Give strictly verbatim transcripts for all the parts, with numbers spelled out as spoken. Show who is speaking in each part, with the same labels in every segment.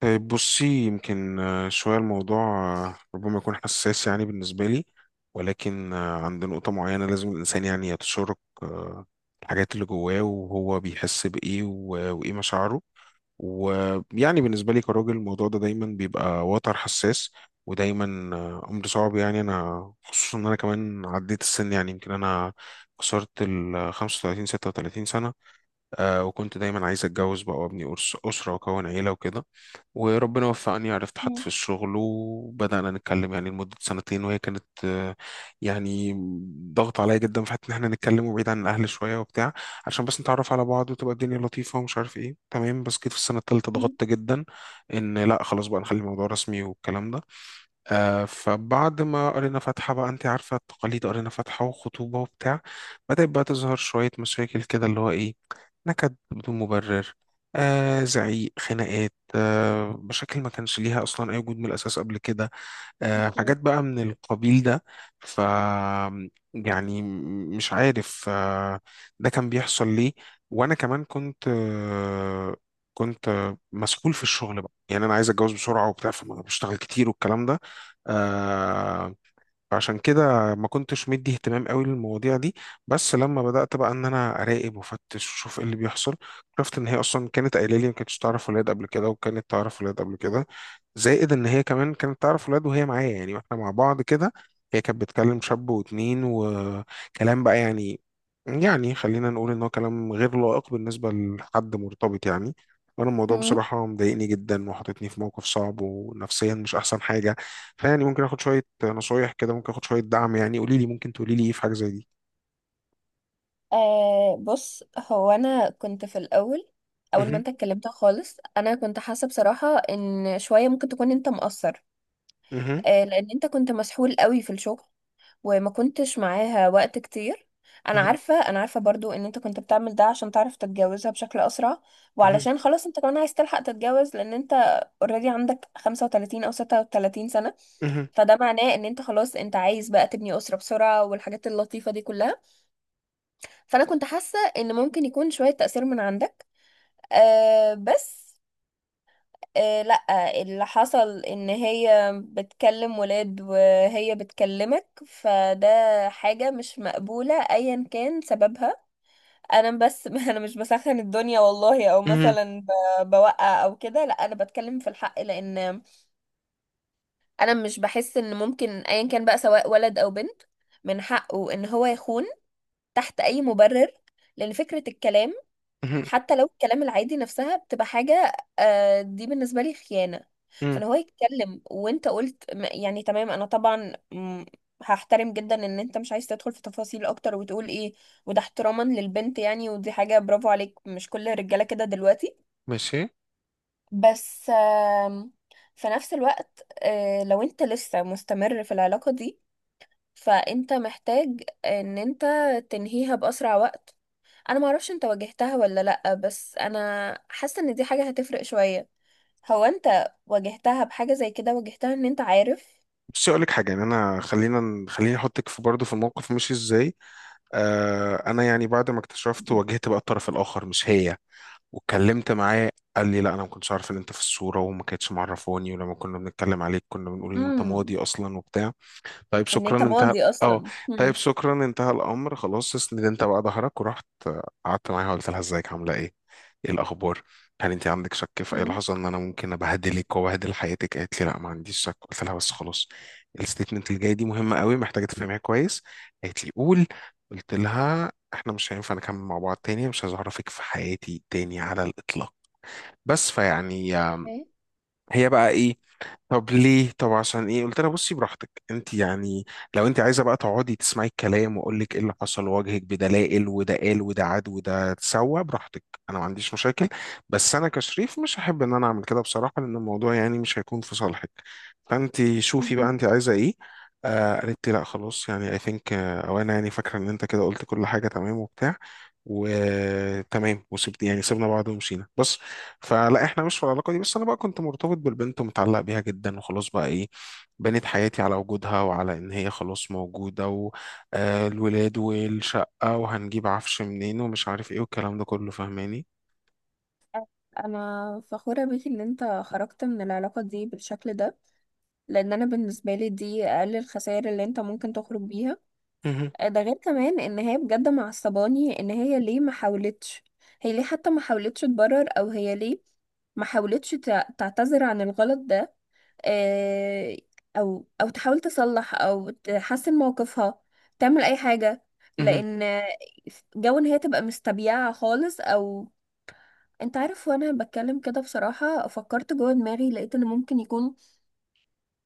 Speaker 1: طيب بصي يمكن آه، شوية الموضوع آه، ربما يكون حساس يعني بالنسبة لي، ولكن آه، عند نقطة معينة لازم الإنسان يعني يتشارك آه، الحاجات اللي جواه وهو بيحس بإيه و- وإيه مشاعره. ويعني بالنسبة لي كراجل الموضوع ده دايما بيبقى وتر حساس، ودايما آه، أمر صعب، يعني أنا خصوصا إن أنا كمان عديت السن، يعني يمكن أنا كسرت ال خمسة وتلاتين ستة وتلاتين سنة. آه، وكنت دايما عايز أتجوز بقى وأبني أرس- أسرة وأكون عيلة وكده. وربنا وفقني، عرفت حد في
Speaker 2: مم.
Speaker 1: الشغل وبدأنا نتكلم يعني لمدة سنتين، وهي كانت آه، يعني ضغط عليا جدا في حتة إن إحنا نتكلم وبعيد عن الأهل شوية وبتاع، عشان بس نتعرف على بعض وتبقى الدنيا لطيفة ومش عارف إيه، تمام. بس جيت في السنة التالتة
Speaker 2: مم.
Speaker 1: ضغطت جدا إن لأ خلاص بقى نخلي الموضوع رسمي والكلام ده. آه، فبعد ما قرينا فاتحة بقى انت عارفة التقاليد، قرينا فاتحة وخطوبة وبتاع، بدأت بقى تظهر شوية مشاكل كده، اللي هو ايه، نكد بدون مبرر، آه زعيق، خناقات، آه مشاكل ما كانش ليها اصلا اي وجود من الاساس قبل كده، آه، حاجات بقى من القبيل ده. ف يعني م- مش عارف آه، ده كان بيحصل ليه. وانا كمان كنت آه، كنت آه، مسحول في الشغل بقى، يعني انا عايز اتجوز بسرعه وبتاع، فبشتغل كتير والكلام ده. آه، فعشان كده ما كنتش مدي اهتمام قوي للمواضيع دي. بس لما بدأت بقى ان انا اراقب وافتش واشوف ايه اللي بيحصل، عرفت ان هي اصلا كانت قايله لي ما كانتش تعرف ولاد قبل كده، وكانت تعرف ولاد قبل كده، زائد ان هي كمان كانت تعرف ولاد وهي معايا، يعني واحنا مع بعض كده. هي كانت بتكلم شاب واتنين وكلام بقى، يعني يعني خلينا نقول ان هو كلام غير لائق بالنسبة لحد مرتبط يعني. وانا الموضوع
Speaker 2: مم.
Speaker 1: بصراحة مضايقني جدا وحاططني في موقف صعب، ونفسيا مش احسن حاجة. فيعني ممكن اخد شويه نصايح كده، ممكن اخد شويه دعم، يعني قولي لي، ممكن تقولي لي ايه في حاجه زي دي؟
Speaker 2: آه، بص، هو انا كنت في الاول. اول ما
Speaker 1: مهم،
Speaker 2: انت اتكلمت خالص، انا كنت حاسه بصراحه ان شويه ممكن تكون انت مقصر.
Speaker 1: مهم،
Speaker 2: آه، لان انت كنت مسحول قوي في الشغل وما كنتش معاها وقت كتير. انا
Speaker 1: مهم،
Speaker 2: عارفه انا عارفه برضو ان انت كنت بتعمل ده عشان تعرف تتجوزها بشكل اسرع،
Speaker 1: مهم،
Speaker 2: وعلشان خلاص انت كمان عايز تلحق تتجوز، لان انت اوريدي عندك خمسة وتلاتين او ستة وتلاتين سنه.
Speaker 1: مهم،
Speaker 2: فده معناه ان انت خلاص انت عايز بقى تبني اسره بسرعه، والحاجات اللطيفه دي كلها. فانا كنت حاسه ان ممكن يكون شويه تاثير من عندك. أه، بس أه، لا. اللي حصل ان هي بتكلم ولاد وهي بتكلمك، فده حاجه مش مقبوله ايا كان سببها. انا بس انا مش بسخن الدنيا والله، او
Speaker 1: مهم،
Speaker 2: مثلا ب- بوقع او كده. لا، انا بتكلم في الحق، لان انا مش بحس ان ممكن ايا كان بقى، سواء ولد او بنت، من حقه ان هو يخون تحت اي مبرر. لان فكره الكلام،
Speaker 1: مهم،
Speaker 2: حتى لو الكلام العادي نفسها بتبقى حاجة آه، دي بالنسبة لي خيانة.
Speaker 1: مهم.
Speaker 2: فان هو يتكلم، وانت قلت م- يعني تمام. انا طبعا م، هحترم جدا ان انت مش عايز تدخل في تفاصيل اكتر وتقول ايه، وده احتراما للبنت يعني، ودي حاجة برافو عليك، مش كل الرجالة كده دلوقتي.
Speaker 1: ماشي.
Speaker 2: بس آم، في نفس الوقت، آه، لو انت لسه مستمر في العلاقة دي، فانت محتاج ان انت تنهيها بأسرع وقت. انا ما اعرفش انت واجهتها ولا لا، بس انا حاسه ان دي حاجه هتفرق شويه. هو انت واجهتها بحاجه زي كده، واجهتها ان انت عارف؟
Speaker 1: بصي اقول لك حاجه، يعني انا خلينا خليني احطك في برضه في الموقف ماشي ازاي. آه انا يعني بعد ما اكتشفت واجهت بقى الطرف الاخر مش هي، واتكلمت معاه قال لي لا انا ما كنتش عارف ان انت في الصوره، وما كانتش معرفاني، ولما كنا بنتكلم عليك كنا بنقول ان انت
Speaker 2: امم،
Speaker 1: ماضي اصلا وبتاع. طيب
Speaker 2: ان
Speaker 1: شكرا،
Speaker 2: انت
Speaker 1: انتهى.
Speaker 2: ماضي
Speaker 1: اه.
Speaker 2: اصلا.
Speaker 1: طيب
Speaker 2: مم.
Speaker 1: شكرا، انتهى الامر خلاص. اسند انت بقى ظهرك. ورحت آه، قعدت معاها قلت لها ازيك، عامله ايه، ايه الاخبار؟ هل انت عندك شك في اي
Speaker 2: امم.
Speaker 1: لحظه ان انا ممكن ابهدلك وابهدل حياتك؟ قالت لي لا ما عنديش شك. قلت لها بس خلاص، الستيتمنت اللي جاي دي مهمه قوي محتاجه تفهميها كويس. قالت لي قول. قلت لها احنا مش هينفع نكمل مع بعض تاني، مش عايز اعرفك في حياتي تاني على الاطلاق. بس. فيعني آه،
Speaker 2: ايه؟
Speaker 1: هي بقى ايه؟ طب ليه، طب عشان ايه؟ قلت لها بصي براحتك انت يعني، لو انت عايزه بقى تقعدي تسمعي الكلام واقول لك ايه اللي حصل واواجهك بدلائل وده قال وده عاد وده، اتسوى براحتك، انا ما عنديش مشاكل. بس انا كشريف مش هحب ان انا اعمل كده بصراحه، لان الموضوع يعني مش هيكون في صالحك. فانت شوفي بقى انت عايزه ايه. آه قالت لي لا خلاص، يعني اي ثينك، او انا يعني فاكره ان انت كده قلت كل حاجه تمام وبتاع وتمام، وسبت، يعني سيبنا بعض ومشينا بس. فلا احنا مش في العلاقه دي. بس انا بقى كنت مرتبط بالبنت ومتعلق بيها جدا، وخلاص بقى ايه، بنيت حياتي على وجودها وعلى ان هي خلاص موجوده، والولاد والشقه وهنجيب عفش منين ومش عارف ايه والكلام ده كله، فاهماني.
Speaker 2: انا فخوره بيك ان انت خرجت من العلاقه دي بالشكل ده، لان انا بالنسبه لي دي اقل الخسائر اللي انت ممكن تخرج بيها.
Speaker 1: مهم،
Speaker 2: آه، ده غير كمان ان هي بجد معصباني، ان هي ليه ما حاولتش؟ هي ليه حتى ما حاولتش تبرر؟ او هي ليه ما حاولتش تع- تعتذر عن الغلط ده؟ آه، او او تحاول تصلح او تحسن موقفها، تعمل اي حاجة.
Speaker 1: مهم،
Speaker 2: لان جو ان هي تبقى مستبيعة خالص، او انت عارف، وانا بتكلم كده بصراحة، فكرت جوه دماغي، لقيت ان ممكن يكون،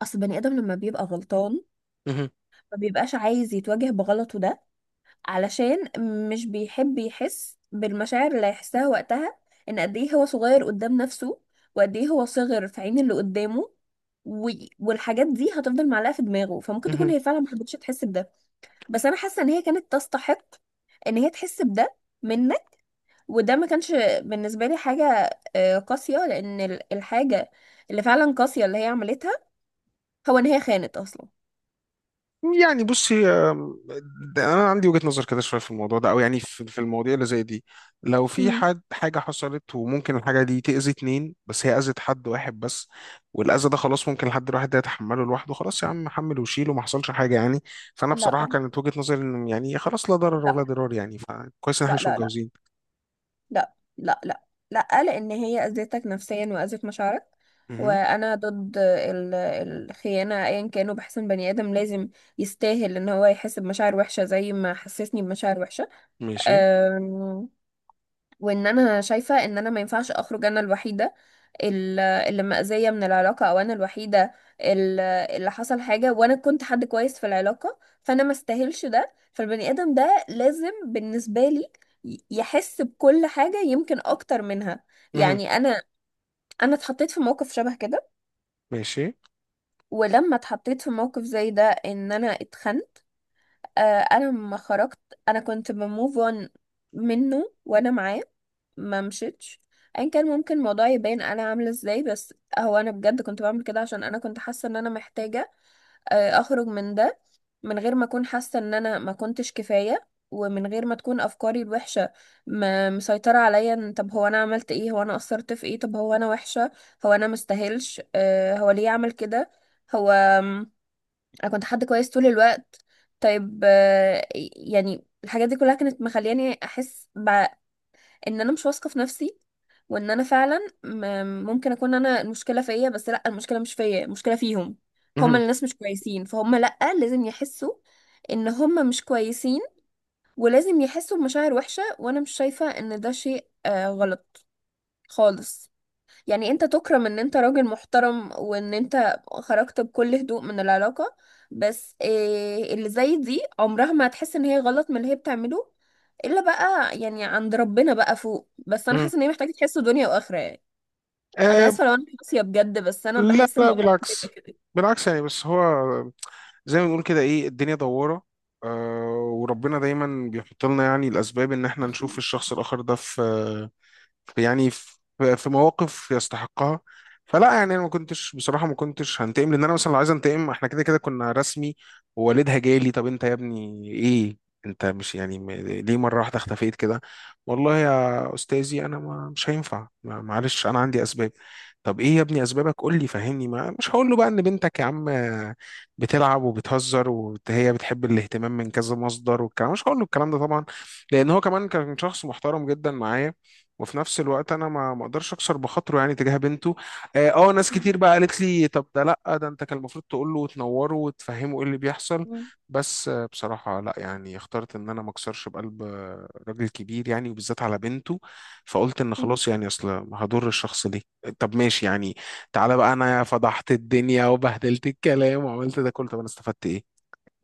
Speaker 2: اصل بني ادم لما بيبقى غلطان
Speaker 1: مهم،
Speaker 2: ما بيبقاش عايز يتواجه بغلطه ده، علشان مش بيحب يحس بالمشاعر اللي هيحسها وقتها، ان قد ايه هو صغير قدام نفسه، وقد ايه هو صغر في عين اللي قدامه. و... والحاجات دي هتفضل معلقة في دماغه، فممكن تكون
Speaker 1: مهم.
Speaker 2: هي فعلا ما حبتش تحس بده. بس انا حاسة ان هي كانت تستحق ان هي تحس بده منك، وده ما كانش بالنسبة لي حاجة آه، قاسية. لان ال- الحاجة اللي فعلا قاسية اللي هي عملتها، هو ان هي خانت اصلا.
Speaker 1: يعني بصي آم، ده انا عندي وجهة نظر كده شويه في الموضوع ده، او يعني في في المواضيع اللي زي دي، لو في
Speaker 2: مم.
Speaker 1: حد حاجه حصلت وممكن الحاجه دي تاذي اتنين، بس هي اذت حد واحد بس، والاذى ده خلاص ممكن الحد الواحد ده يتحمله لوحده، خلاص يا عم حمل وشيل وما حصلش حاجه يعني. فانا
Speaker 2: لا،
Speaker 1: بصراحه
Speaker 2: لا،
Speaker 1: كانت وجهة نظري ان يعني خلاص، لا ضرر
Speaker 2: لا،
Speaker 1: ولا ضرار يعني، فكويس ان احنا
Speaker 2: لا،
Speaker 1: مش
Speaker 2: لا،
Speaker 1: متجوزين.
Speaker 2: لا، لا، لا، لا، لان هي اذتك نفسيا واذت مشاعرك.
Speaker 1: مهم.
Speaker 2: وانا ضد ال- الخيانه ايا كانوا. بحس ان بني ادم لازم يستاهل ان هو يحس بمشاعر وحشه، زي ما حسسني بمشاعر وحشه.
Speaker 1: ماشي.
Speaker 2: أم، وان انا شايفه ان انا ما ينفعش اخرج انا الوحيده ال- اللي مأذية من العلاقة، أو أنا الوحيدة ال- اللي حصل حاجة، وأنا كنت حد كويس في العلاقة. فأنا ما استاهلش ده. فالبني آدم ده لازم بالنسبة لي ي- يحس بكل حاجة، يمكن أكتر منها.
Speaker 1: مهم.
Speaker 2: يعني أنا أنا اتحطيت في موقف شبه كده.
Speaker 1: ماشي.
Speaker 2: ولما اتحطيت في موقف زي ده، إن أنا اتخنت، آه، أنا لما خرجت، أنا كنت بموف أون منه وأنا معاه. ما مشيتش. ايا كان ممكن الموضوع يبان انا عامله ازاي، بس هو انا بجد كنت بعمل كده عشان انا كنت حاسه ان انا محتاجه آه، اخرج من ده، من غير ما اكون حاسه ان انا ما كنتش كفايه، ومن غير ما تكون افكاري الوحشه ما مسيطره عليا. إن طب هو انا عملت ايه؟ هو انا قصرت في ايه؟ طب هو انا وحشه؟ هو انا مستاهلش؟ آه، هو ليه عمل كده؟ هو آم، انا كنت حد كويس طول الوقت. طيب، آه، يعني الحاجات دي كلها كانت مخلياني احس بع- ان انا مش واثقه في نفسي، وان انا فعلا م- ممكن اكون انا المشكله فيا. بس لا، المشكله مش فيا، المشكله فيهم. هما
Speaker 1: مهم.
Speaker 2: الناس مش كويسين، فهم لا، لازم يحسوا ان هما مش كويسين، ولازم يحسوا بمشاعر وحشه. وانا مش شايفه ان ده شيء آه غلط خالص. يعني انت تكرم ان انت راجل محترم، وان انت خرجت بكل هدوء من العلاقه. بس آه اللي زي دي عمرها ما هتحس ان هي غلط من اللي هي بتعمله، الا بقى يعني عند ربنا بقى فوق. بس انا
Speaker 1: مهم.
Speaker 2: حاسه ان هي محتاجه تحس دنيا واخره يعني. انا
Speaker 1: آه
Speaker 2: اسفه لو انا قاسيه بجد، بس انا
Speaker 1: لا
Speaker 2: بحس
Speaker 1: لا،
Speaker 2: الموضوع ده
Speaker 1: بالعكس،
Speaker 2: بيبقى كده.
Speaker 1: بالعكس يعني. بس هو زي ما بنقول كده، ايه، الدنيا دوارة، آه وربنا دايما بيحط لنا يعني الأسباب إن احنا نشوف الشخص الآخر ده في يعني في في مواقف يستحقها. فلا يعني انا ما كنتش بصراحه، ما كنتش هنتقم، لان انا مثلا لو عايز انتقم احنا كده كده كنا رسمي، ووالدها جالي طب انت يا ابني ايه، انت مش يعني م- ليه مره واحده اختفيت كده؟ والله يا استاذي انا ما مش هينفع ما- معلش انا عندي اسباب. طب ايه يا ابني اسبابك، قول لي فهمني. ما مش هقول له بقى ان بنتك يا عم بتلعب وبتهزر وهي بتحب الاهتمام من كذا مصدر والكلام، مش هقول له الكلام ده طبعا، لان هو كمان كان شخص محترم جدا معايا. وفي نفس الوقت انا ما ما اقدرش اكسر بخاطره يعني تجاه بنته. اه آه، ناس
Speaker 2: مم.
Speaker 1: كتير بقى قالت لي طب ده، لا ده انت كان المفروض تقول له وتنوره وتفهمه ايه اللي بيحصل.
Speaker 2: مم.
Speaker 1: بس آه، بصراحة لا، يعني اخترت ان انا ما اكسرش بقلب آه، راجل كبير، يعني وبالذات على بنته. فقلت ان
Speaker 2: مم.
Speaker 1: خلاص، يعني اصل هضر الشخص ده. طب ماشي يعني، تعالى بقى، انا فضحت الدنيا وبهدلت الكلام وعملت ده كله، طب انا استفدت ايه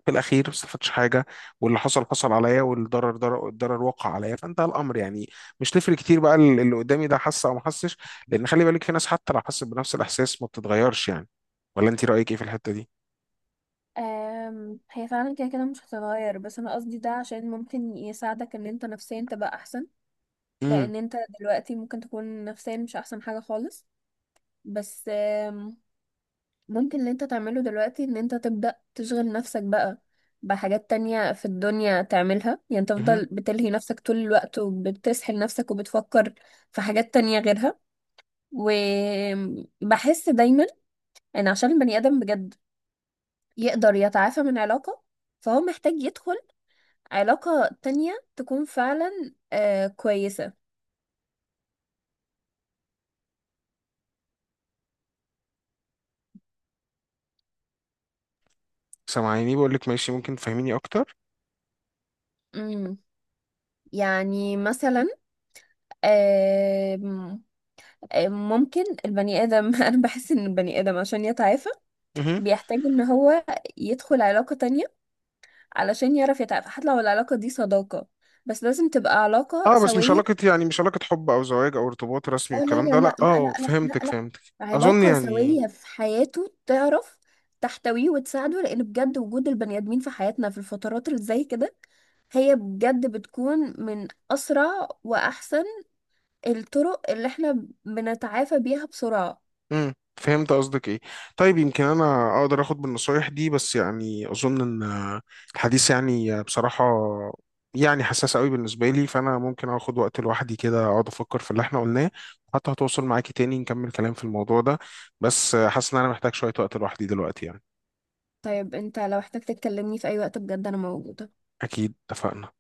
Speaker 1: في الاخير؟ ما استفدتش حاجه، واللي حصل حصل عليا، والضرر ضرر الضرر وقع عليا، فانتهى الامر يعني. مش تفرق كتير بقى ال- اللي قدامي ده حس او ما حسش، لان خلي بالك في ناس حتى لو حست بنفس الاحساس ما بتتغيرش يعني. ولا انت رايك ايه في الحته دي؟
Speaker 2: أم، هي فعلا كده كده مش هتتغير، بس انا قصدي ده عشان ممكن يساعدك ان انت نفسيا تبقى احسن.
Speaker 1: امم.
Speaker 2: لان انت دلوقتي ممكن تكون نفسيا مش احسن حاجة خالص. بس ممكن اللي انت تعمله دلوقتي ان انت تبدأ تشغل نفسك بقى بحاجات تانية في الدنيا تعملها، يعني
Speaker 1: اها.
Speaker 2: تفضل بتلهي نفسك طول الوقت وبتسحل نفسك وبتفكر في حاجات تانية غيرها. وبحس دايما ان عشان البني آدم بجد يقدر يتعافى من علاقة، فهو محتاج يدخل علاقة تانية تكون فعلا آه كويسة.
Speaker 1: سامعيني، بقول لك ماشي ممكن تفهميني اكتر.
Speaker 2: امم. يعني مثلا، آه ممكن البني آدم أنا بحس إن البني آدم عشان يتعافى
Speaker 1: اها.
Speaker 2: بيحتاج ان هو يدخل علاقة تانية، علشان يعرف يتعافى، حتى لو العلاقة دي صداقة، بس لازم تبقى علاقة
Speaker 1: اه بس مش
Speaker 2: سوية.
Speaker 1: علاقه، يعني مش علاقه حب او زواج او ارتباط رسمي
Speaker 2: اه، لا،
Speaker 1: والكلام
Speaker 2: لا،
Speaker 1: ده،
Speaker 2: لا،
Speaker 1: لا.
Speaker 2: لا، لا،
Speaker 1: اه
Speaker 2: لا، لا،
Speaker 1: فهمتك،
Speaker 2: لا.
Speaker 1: فهمتك. اظن
Speaker 2: علاقة
Speaker 1: يعني،
Speaker 2: سوية في حياته، تعرف تحتويه وتساعده، لان بجد وجود البني ادمين في حياتنا في الفترات اللي زي كده، هي بجد بتكون من اسرع واحسن الطرق اللي احنا بنتعافى بيها بسرعة.
Speaker 1: امم، فهمت قصدك ايه. طيب يمكن انا اقدر اخد بالنصايح دي، بس يعني اظن ان الحديث يعني بصراحة يعني حساس قوي بالنسبة لي، فانا ممكن اخد وقت لوحدي كده اقعد افكر في اللي احنا قلناه، حتى هتوصل معاكي تاني نكمل كلام في الموضوع ده. بس حاسس ان انا محتاج شوية وقت لوحدي دلوقتي يعني.
Speaker 2: طيب انت لو احتاج تتكلمني في اي وقت، بجد انا موجودة.
Speaker 1: اكيد، اتفقنا.